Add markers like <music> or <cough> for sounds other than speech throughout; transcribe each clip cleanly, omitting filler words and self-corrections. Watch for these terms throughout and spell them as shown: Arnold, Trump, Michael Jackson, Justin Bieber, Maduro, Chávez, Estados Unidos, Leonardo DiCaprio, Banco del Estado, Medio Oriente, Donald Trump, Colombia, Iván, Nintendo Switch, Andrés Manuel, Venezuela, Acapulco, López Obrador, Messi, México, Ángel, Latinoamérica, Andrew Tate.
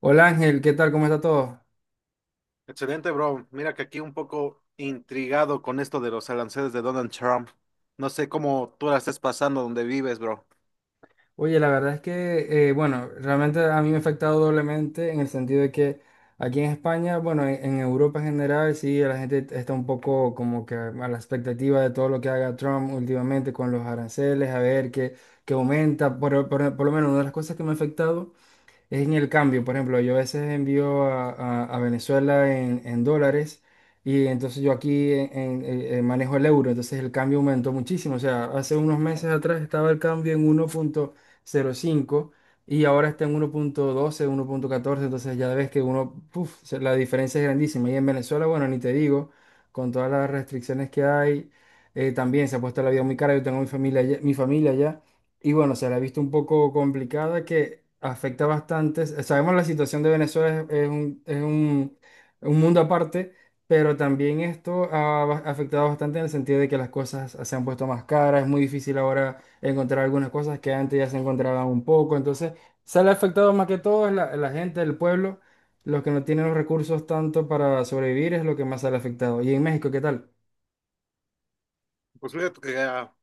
Hola Ángel, ¿qué tal? ¿Cómo está todo? Excelente, bro. Mira que aquí un poco intrigado con esto de los aranceles de Donald Trump. No sé cómo tú la estés pasando donde vives, bro. Oye, la verdad es que, bueno, realmente a mí me ha afectado doblemente en el sentido de que aquí en España, bueno, en Europa en general, sí, la gente está un poco como que a la expectativa de todo lo que haga Trump últimamente con los aranceles, a ver qué aumenta. Por lo menos una de las cosas que me ha afectado es en el cambio. Por ejemplo, yo a veces envío a Venezuela en dólares y entonces yo aquí en manejo el euro, entonces el cambio aumentó muchísimo. O sea, hace unos meses atrás estaba el cambio en 1,05 y ahora está en uno punto doce, 1,14, entonces ya ves que uno, puf, la diferencia es grandísima. Y en Venezuela, bueno, ni te digo, con todas las restricciones que hay, también se ha puesto la vida muy cara. Yo tengo mi familia allá. Y bueno, se la ha visto un poco complicada que afecta bastante. Sabemos la situación de Venezuela es un mundo aparte, pero también esto ha afectado bastante en el sentido de que las cosas se han puesto más caras, es muy difícil ahora encontrar algunas cosas que antes ya se encontraban un poco. Entonces, se le ha afectado más que todo es la gente, el pueblo, los que no tienen los recursos tanto para sobrevivir es lo que más se le ha afectado. Y en México, ¿qué tal? Pues fíjate que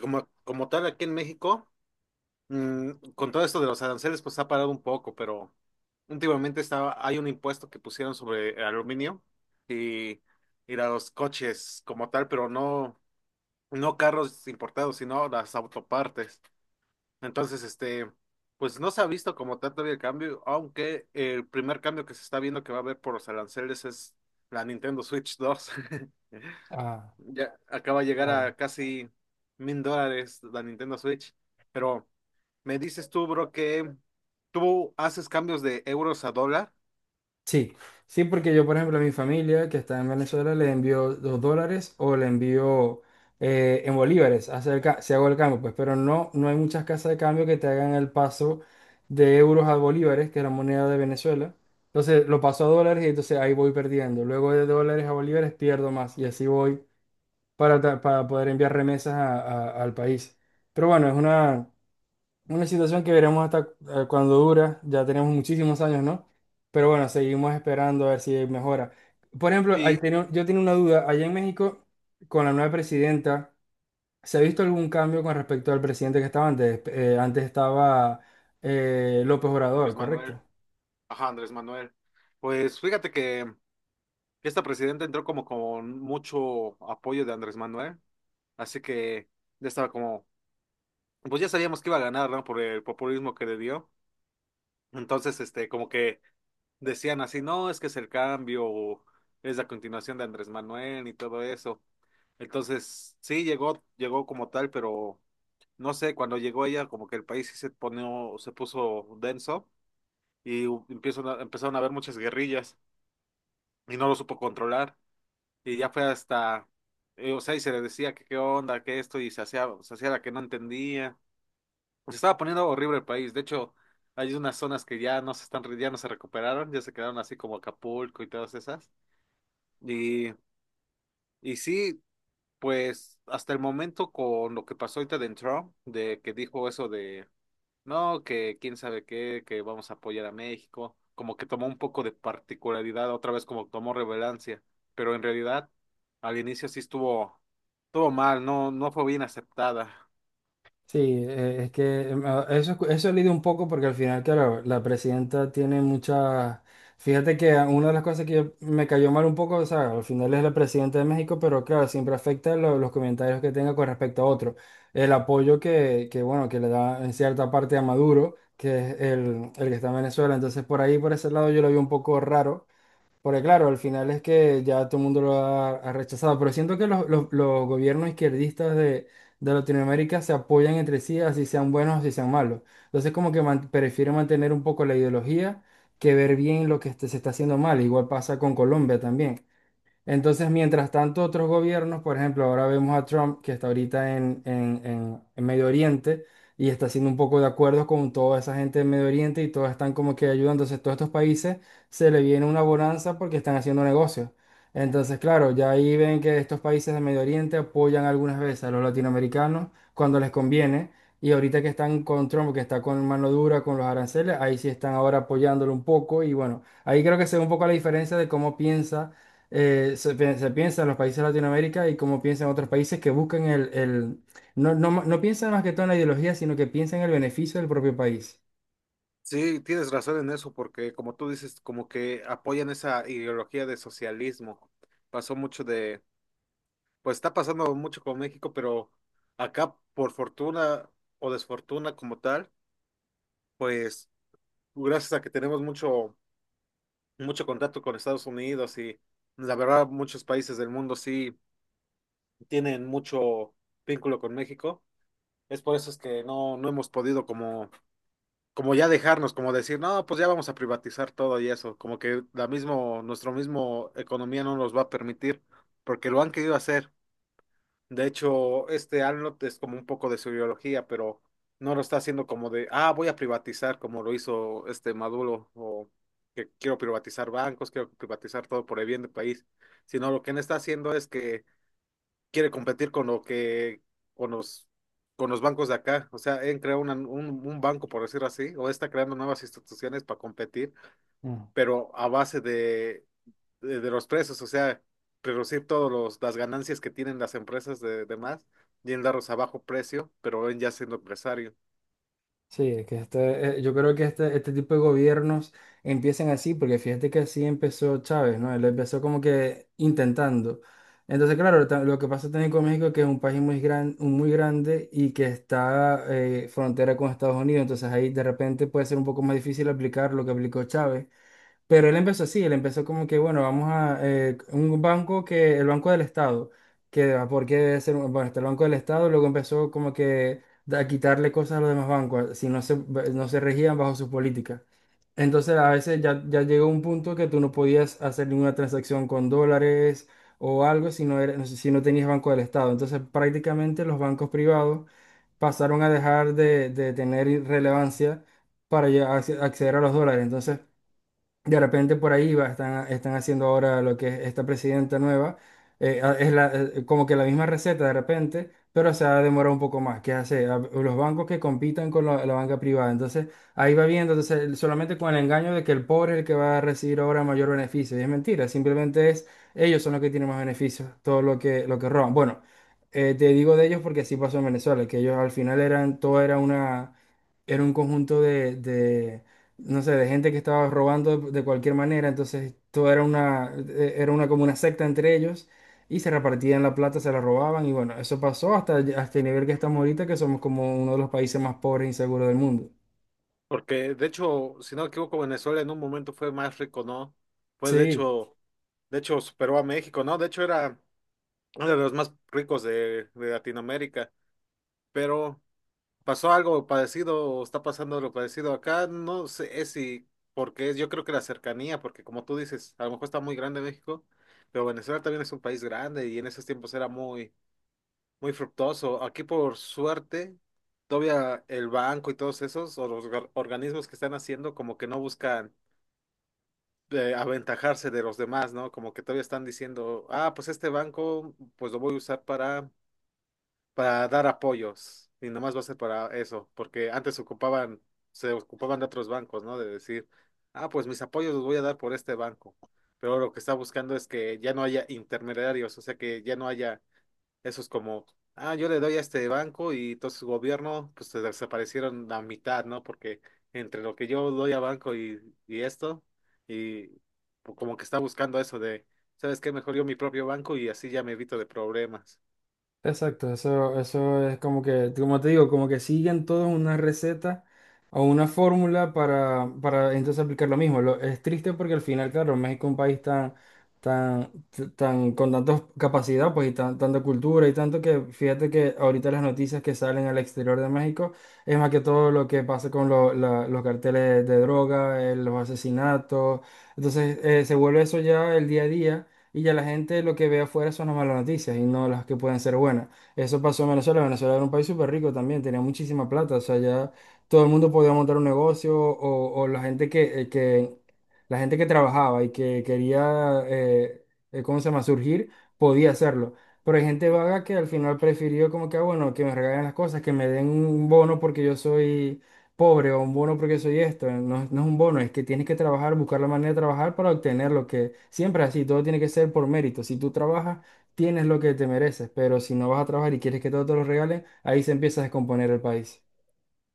como tal aquí en México, con todo esto de los aranceles, pues ha parado un poco, pero últimamente estaba, hay un impuesto que pusieron sobre el aluminio y, y a los coches como tal, pero no, no carros importados, sino las autopartes. Entonces, este, pues no se ha visto como tanto el cambio, aunque el primer cambio que se está viendo que va a haber por los aranceles es la Nintendo Switch 2 <laughs> Ah, Ya acaba de llegar claro. a casi $1,000 la Nintendo Switch. Pero me dices tú, bro, que tú haces cambios de euros a dólar Sí, sí, porque yo, por ejemplo, a mi familia que está en Venezuela le envío $2 o le envío en bolívares, si hago el cambio, pues, pero no hay muchas casas de cambio que te hagan el paso de euros a bolívares, que es la moneda de Venezuela. Entonces lo paso a dólares y entonces ahí voy perdiendo. Luego de dólares a bolívares pierdo más y así voy para poder enviar remesas al país. Pero bueno, es una situación que veremos hasta cuando dura, ya tenemos muchísimos años, ¿no? Pero bueno, seguimos esperando a ver si mejora. Por ejemplo, y yo tenía una duda, allá en México, con la nueva presidenta, ¿se ha visto algún cambio con respecto al presidente que estaba antes? Antes estaba López Obrador, Andrés Manuel. ¿correcto? Ajá, Andrés Manuel. Pues fíjate que esta presidenta entró como con mucho apoyo de Andrés Manuel. Así que ya estaba como pues ya sabíamos que iba a ganar, ¿no? Por el populismo que le dio. Entonces, este, como que decían así, no, es que es el cambio, o es la continuación de Andrés Manuel y todo eso. Entonces, sí, llegó como tal, pero no sé, cuando llegó ella, como que el país sí se puso denso y empezaron a haber muchas guerrillas y no lo supo controlar. Y ya fue hasta, o sea, y se le decía que qué onda, que esto, y se hacía la que no entendía. Se estaba poniendo horrible el país. De hecho, hay unas zonas que ya no se están, ya no se recuperaron, ya se quedaron así como Acapulco y todas esas. Y, y sí, pues hasta el momento con lo que pasó ahorita de Trump, de que dijo eso de, no, que quién sabe qué, que vamos a apoyar a México, como que tomó un poco de particularidad, otra vez como tomó relevancia. Pero en realidad, al inicio sí estuvo mal, no, no fue bien aceptada. Sí, es que eso lidio un poco porque al final, claro, la presidenta tiene muchas... Fíjate que una de las cosas que me cayó mal un poco, o sea, al final es la presidenta de México, pero claro, siempre afecta los comentarios que tenga con respecto a otro. El apoyo bueno, que le da en cierta parte a Maduro, que es el que está en Venezuela. Entonces, por ahí, por ese lado, yo lo vi un poco raro. Porque claro, al final es que ya todo el mundo lo ha rechazado, pero siento que los gobiernos izquierdistas de Latinoamérica se apoyan entre sí, así sean buenos, así sean malos. Entonces como que prefieren mantener un poco la ideología que ver bien lo que se está haciendo mal. Igual pasa con Colombia también. Entonces, mientras tanto, otros gobiernos, por ejemplo, ahora vemos a Trump que está ahorita en Medio Oriente y está haciendo un poco de acuerdos con toda esa gente de Medio Oriente y todos están como que ayudando. Entonces, todos estos países se le viene una bonanza porque están haciendo negocios. Entonces, claro, ya ahí ven que estos países de Medio Oriente apoyan algunas veces a los latinoamericanos cuando les conviene. Y ahorita que están con Trump, que está con mano dura con los aranceles, ahí sí están ahora apoyándolo un poco. Y bueno, ahí creo que se ve un poco la diferencia de cómo se piensa en los países de Latinoamérica y cómo piensan otros países que buscan no piensan más que todo en la ideología, sino que piensan en el beneficio del propio país. Sí, tienes razón en eso, porque como tú dices, como que apoyan esa ideología de socialismo. Pasó mucho de, pues está pasando mucho con México, pero acá por fortuna o desfortuna como tal, pues gracias a que tenemos mucho, mucho contacto con Estados Unidos y la verdad muchos países del mundo sí tienen mucho vínculo con México. Es por eso es que no hemos podido como ya dejarnos, como decir, no, pues ya vamos a privatizar todo y eso, como que la mismo, nuestro mismo economía no nos va a permitir, porque lo han querido hacer. De hecho, este Arnold es como un poco de su ideología, pero no lo está haciendo como de, ah, voy a privatizar, como lo hizo este Maduro, o que quiero privatizar bancos, quiero privatizar todo por el bien del país, sino lo que él está haciendo es que quiere competir con lo que, con los, con los bancos de acá. O sea, han creado un banco, por decir así, o está creando nuevas instituciones para competir, Mm. pero a base de los precios, o sea, reducir todas las ganancias que tienen las empresas de más y en darlos a bajo precio, pero él ya siendo empresario. Sí, es que este, yo creo que este tipo de gobiernos empiezan así, porque fíjate que así empezó Chávez, ¿no? Él empezó como que intentando. Entonces, claro, lo que pasa también con México, es que es un país muy grande y que está frontera con Estados Unidos, entonces ahí de repente puede ser un poco más difícil aplicar lo que aplicó Chávez. Pero él empezó así, él empezó como que, bueno, vamos a un banco que, el Banco del Estado, porque debe ser, bueno, está el Banco del Estado, luego empezó como que a quitarle cosas a los demás bancos, si no se regían bajo sus políticas. Entonces a veces ya llegó un punto que tú no podías hacer ninguna transacción con dólares o algo si no tenías Banco del Estado. Entonces prácticamente los bancos privados pasaron a dejar de tener relevancia para ya acceder a los dólares. Entonces... De repente por ahí va, están haciendo ahora lo que es esta presidenta nueva. Como que la misma receta de repente, pero se ha demorado un poco más. ¿Qué hace? Los bancos que compitan con la banca privada. Entonces ahí va viendo, entonces solamente con el engaño de que el pobre es el que va a recibir ahora mayor beneficio. Y es mentira, simplemente es ellos son los que tienen más beneficios, todo lo que roban. Bueno, te digo de ellos porque así pasó en Venezuela, que ellos al final eran, todo era un conjunto de, no sé, de gente que estaba robando de cualquier manera, entonces todo era una como una secta entre ellos y se repartían la plata, se la robaban y bueno, eso pasó hasta el nivel que estamos ahorita, que somos como uno de los países más pobres e inseguros del mundo. Porque, de hecho, si no me equivoco, Venezuela en un momento fue más rico, ¿no? Fue, de Sí. hecho, superó a México, ¿no? De hecho, era uno de los más ricos de Latinoamérica, pero pasó algo parecido o está pasando lo parecido acá, no sé es si, porque yo creo que la cercanía, porque como tú dices, a lo mejor está muy grande México, pero Venezuela también es un país grande y en esos tiempos era muy, muy fructuoso. Aquí por suerte, todavía el banco y todos esos, o los organismos que están haciendo, como que no buscan aventajarse de los demás, ¿no? Como que todavía están diciendo, ah, pues este banco, pues lo voy a usar para dar apoyos y nomás va a ser para eso, porque antes ocupaban, se ocupaban de otros bancos, ¿no? De decir, ah, pues mis apoyos los voy a dar por este banco, pero lo que está buscando es que ya no haya intermediarios, o sea, que ya no haya esos como, ah, yo le doy a este banco y entonces su gobierno, pues se desaparecieron la mitad, ¿no? Porque entre lo que yo doy a banco y esto, y como que está buscando eso de, ¿sabes qué? Mejor yo mi propio banco y así ya me evito de problemas. Exacto, eso es como que, como te digo, como que siguen todos una receta o una fórmula para entonces aplicar lo mismo. Es triste porque al final, claro, México es un país tan, con tantas capacidad, pues, y tanta cultura y tanto que, fíjate que ahorita las noticias que salen al exterior de México es más que todo lo que pasa con los carteles de droga, los asesinatos. Entonces, se vuelve eso ya el día a día y ya la gente lo que ve afuera son las malas noticias y no las que pueden ser buenas. Eso pasó en Venezuela. Venezuela era un país súper rico también, tenía muchísima plata, o sea, ya todo el mundo podía montar un negocio o la gente que trabajaba y que quería, ¿cómo se llama?, surgir, podía hacerlo. Pero hay gente vaga que al final prefirió como que, bueno, que me regalen las cosas, que me den un bono porque yo soy pobre o un bono porque soy esto. No, no es un bono, es que tienes que trabajar, buscar la manera de trabajar para obtener lo que siempre es así, todo tiene que ser por mérito. Si tú trabajas, tienes lo que te mereces, pero si no vas a trabajar y quieres que todo te lo regalen, ahí se empieza a descomponer el país.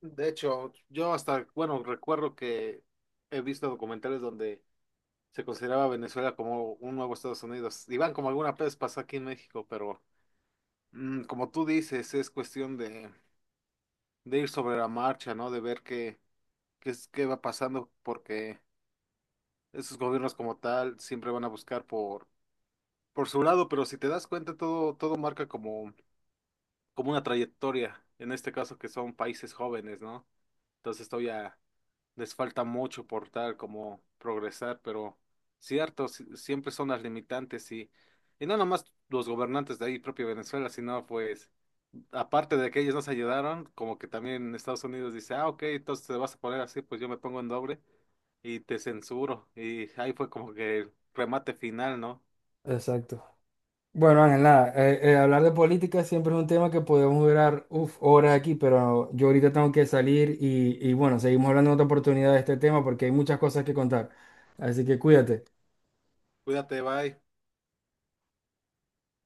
De hecho, yo hasta, bueno, recuerdo que he visto documentales donde se consideraba Venezuela como un nuevo Estados Unidos. Iván, como alguna vez pasó aquí en México, pero como tú dices, es cuestión de ir sobre la marcha, ¿no? De ver qué va pasando, porque esos gobiernos como tal siempre van a buscar por su lado, pero si te das cuenta, todo, todo marca como, una trayectoria, en este caso que son países jóvenes, ¿no? Entonces todavía les falta mucho por tal como progresar, pero cierto, siempre son las limitantes y no nomás los gobernantes de ahí, propio Venezuela, sino pues, aparte de que ellos nos ayudaron, como que también Estados Unidos dice, ah, ok, entonces te vas a poner así, pues yo me pongo en doble y te censuro. Y ahí fue como que el remate final, ¿no? Exacto. Bueno, Ángel, nada, hablar de política siempre es un tema que podemos durar uf, horas aquí, pero yo ahorita tengo que salir y bueno, seguimos hablando en otra oportunidad de este tema porque hay muchas cosas que contar. Así que cuídate. Cuídate, bye.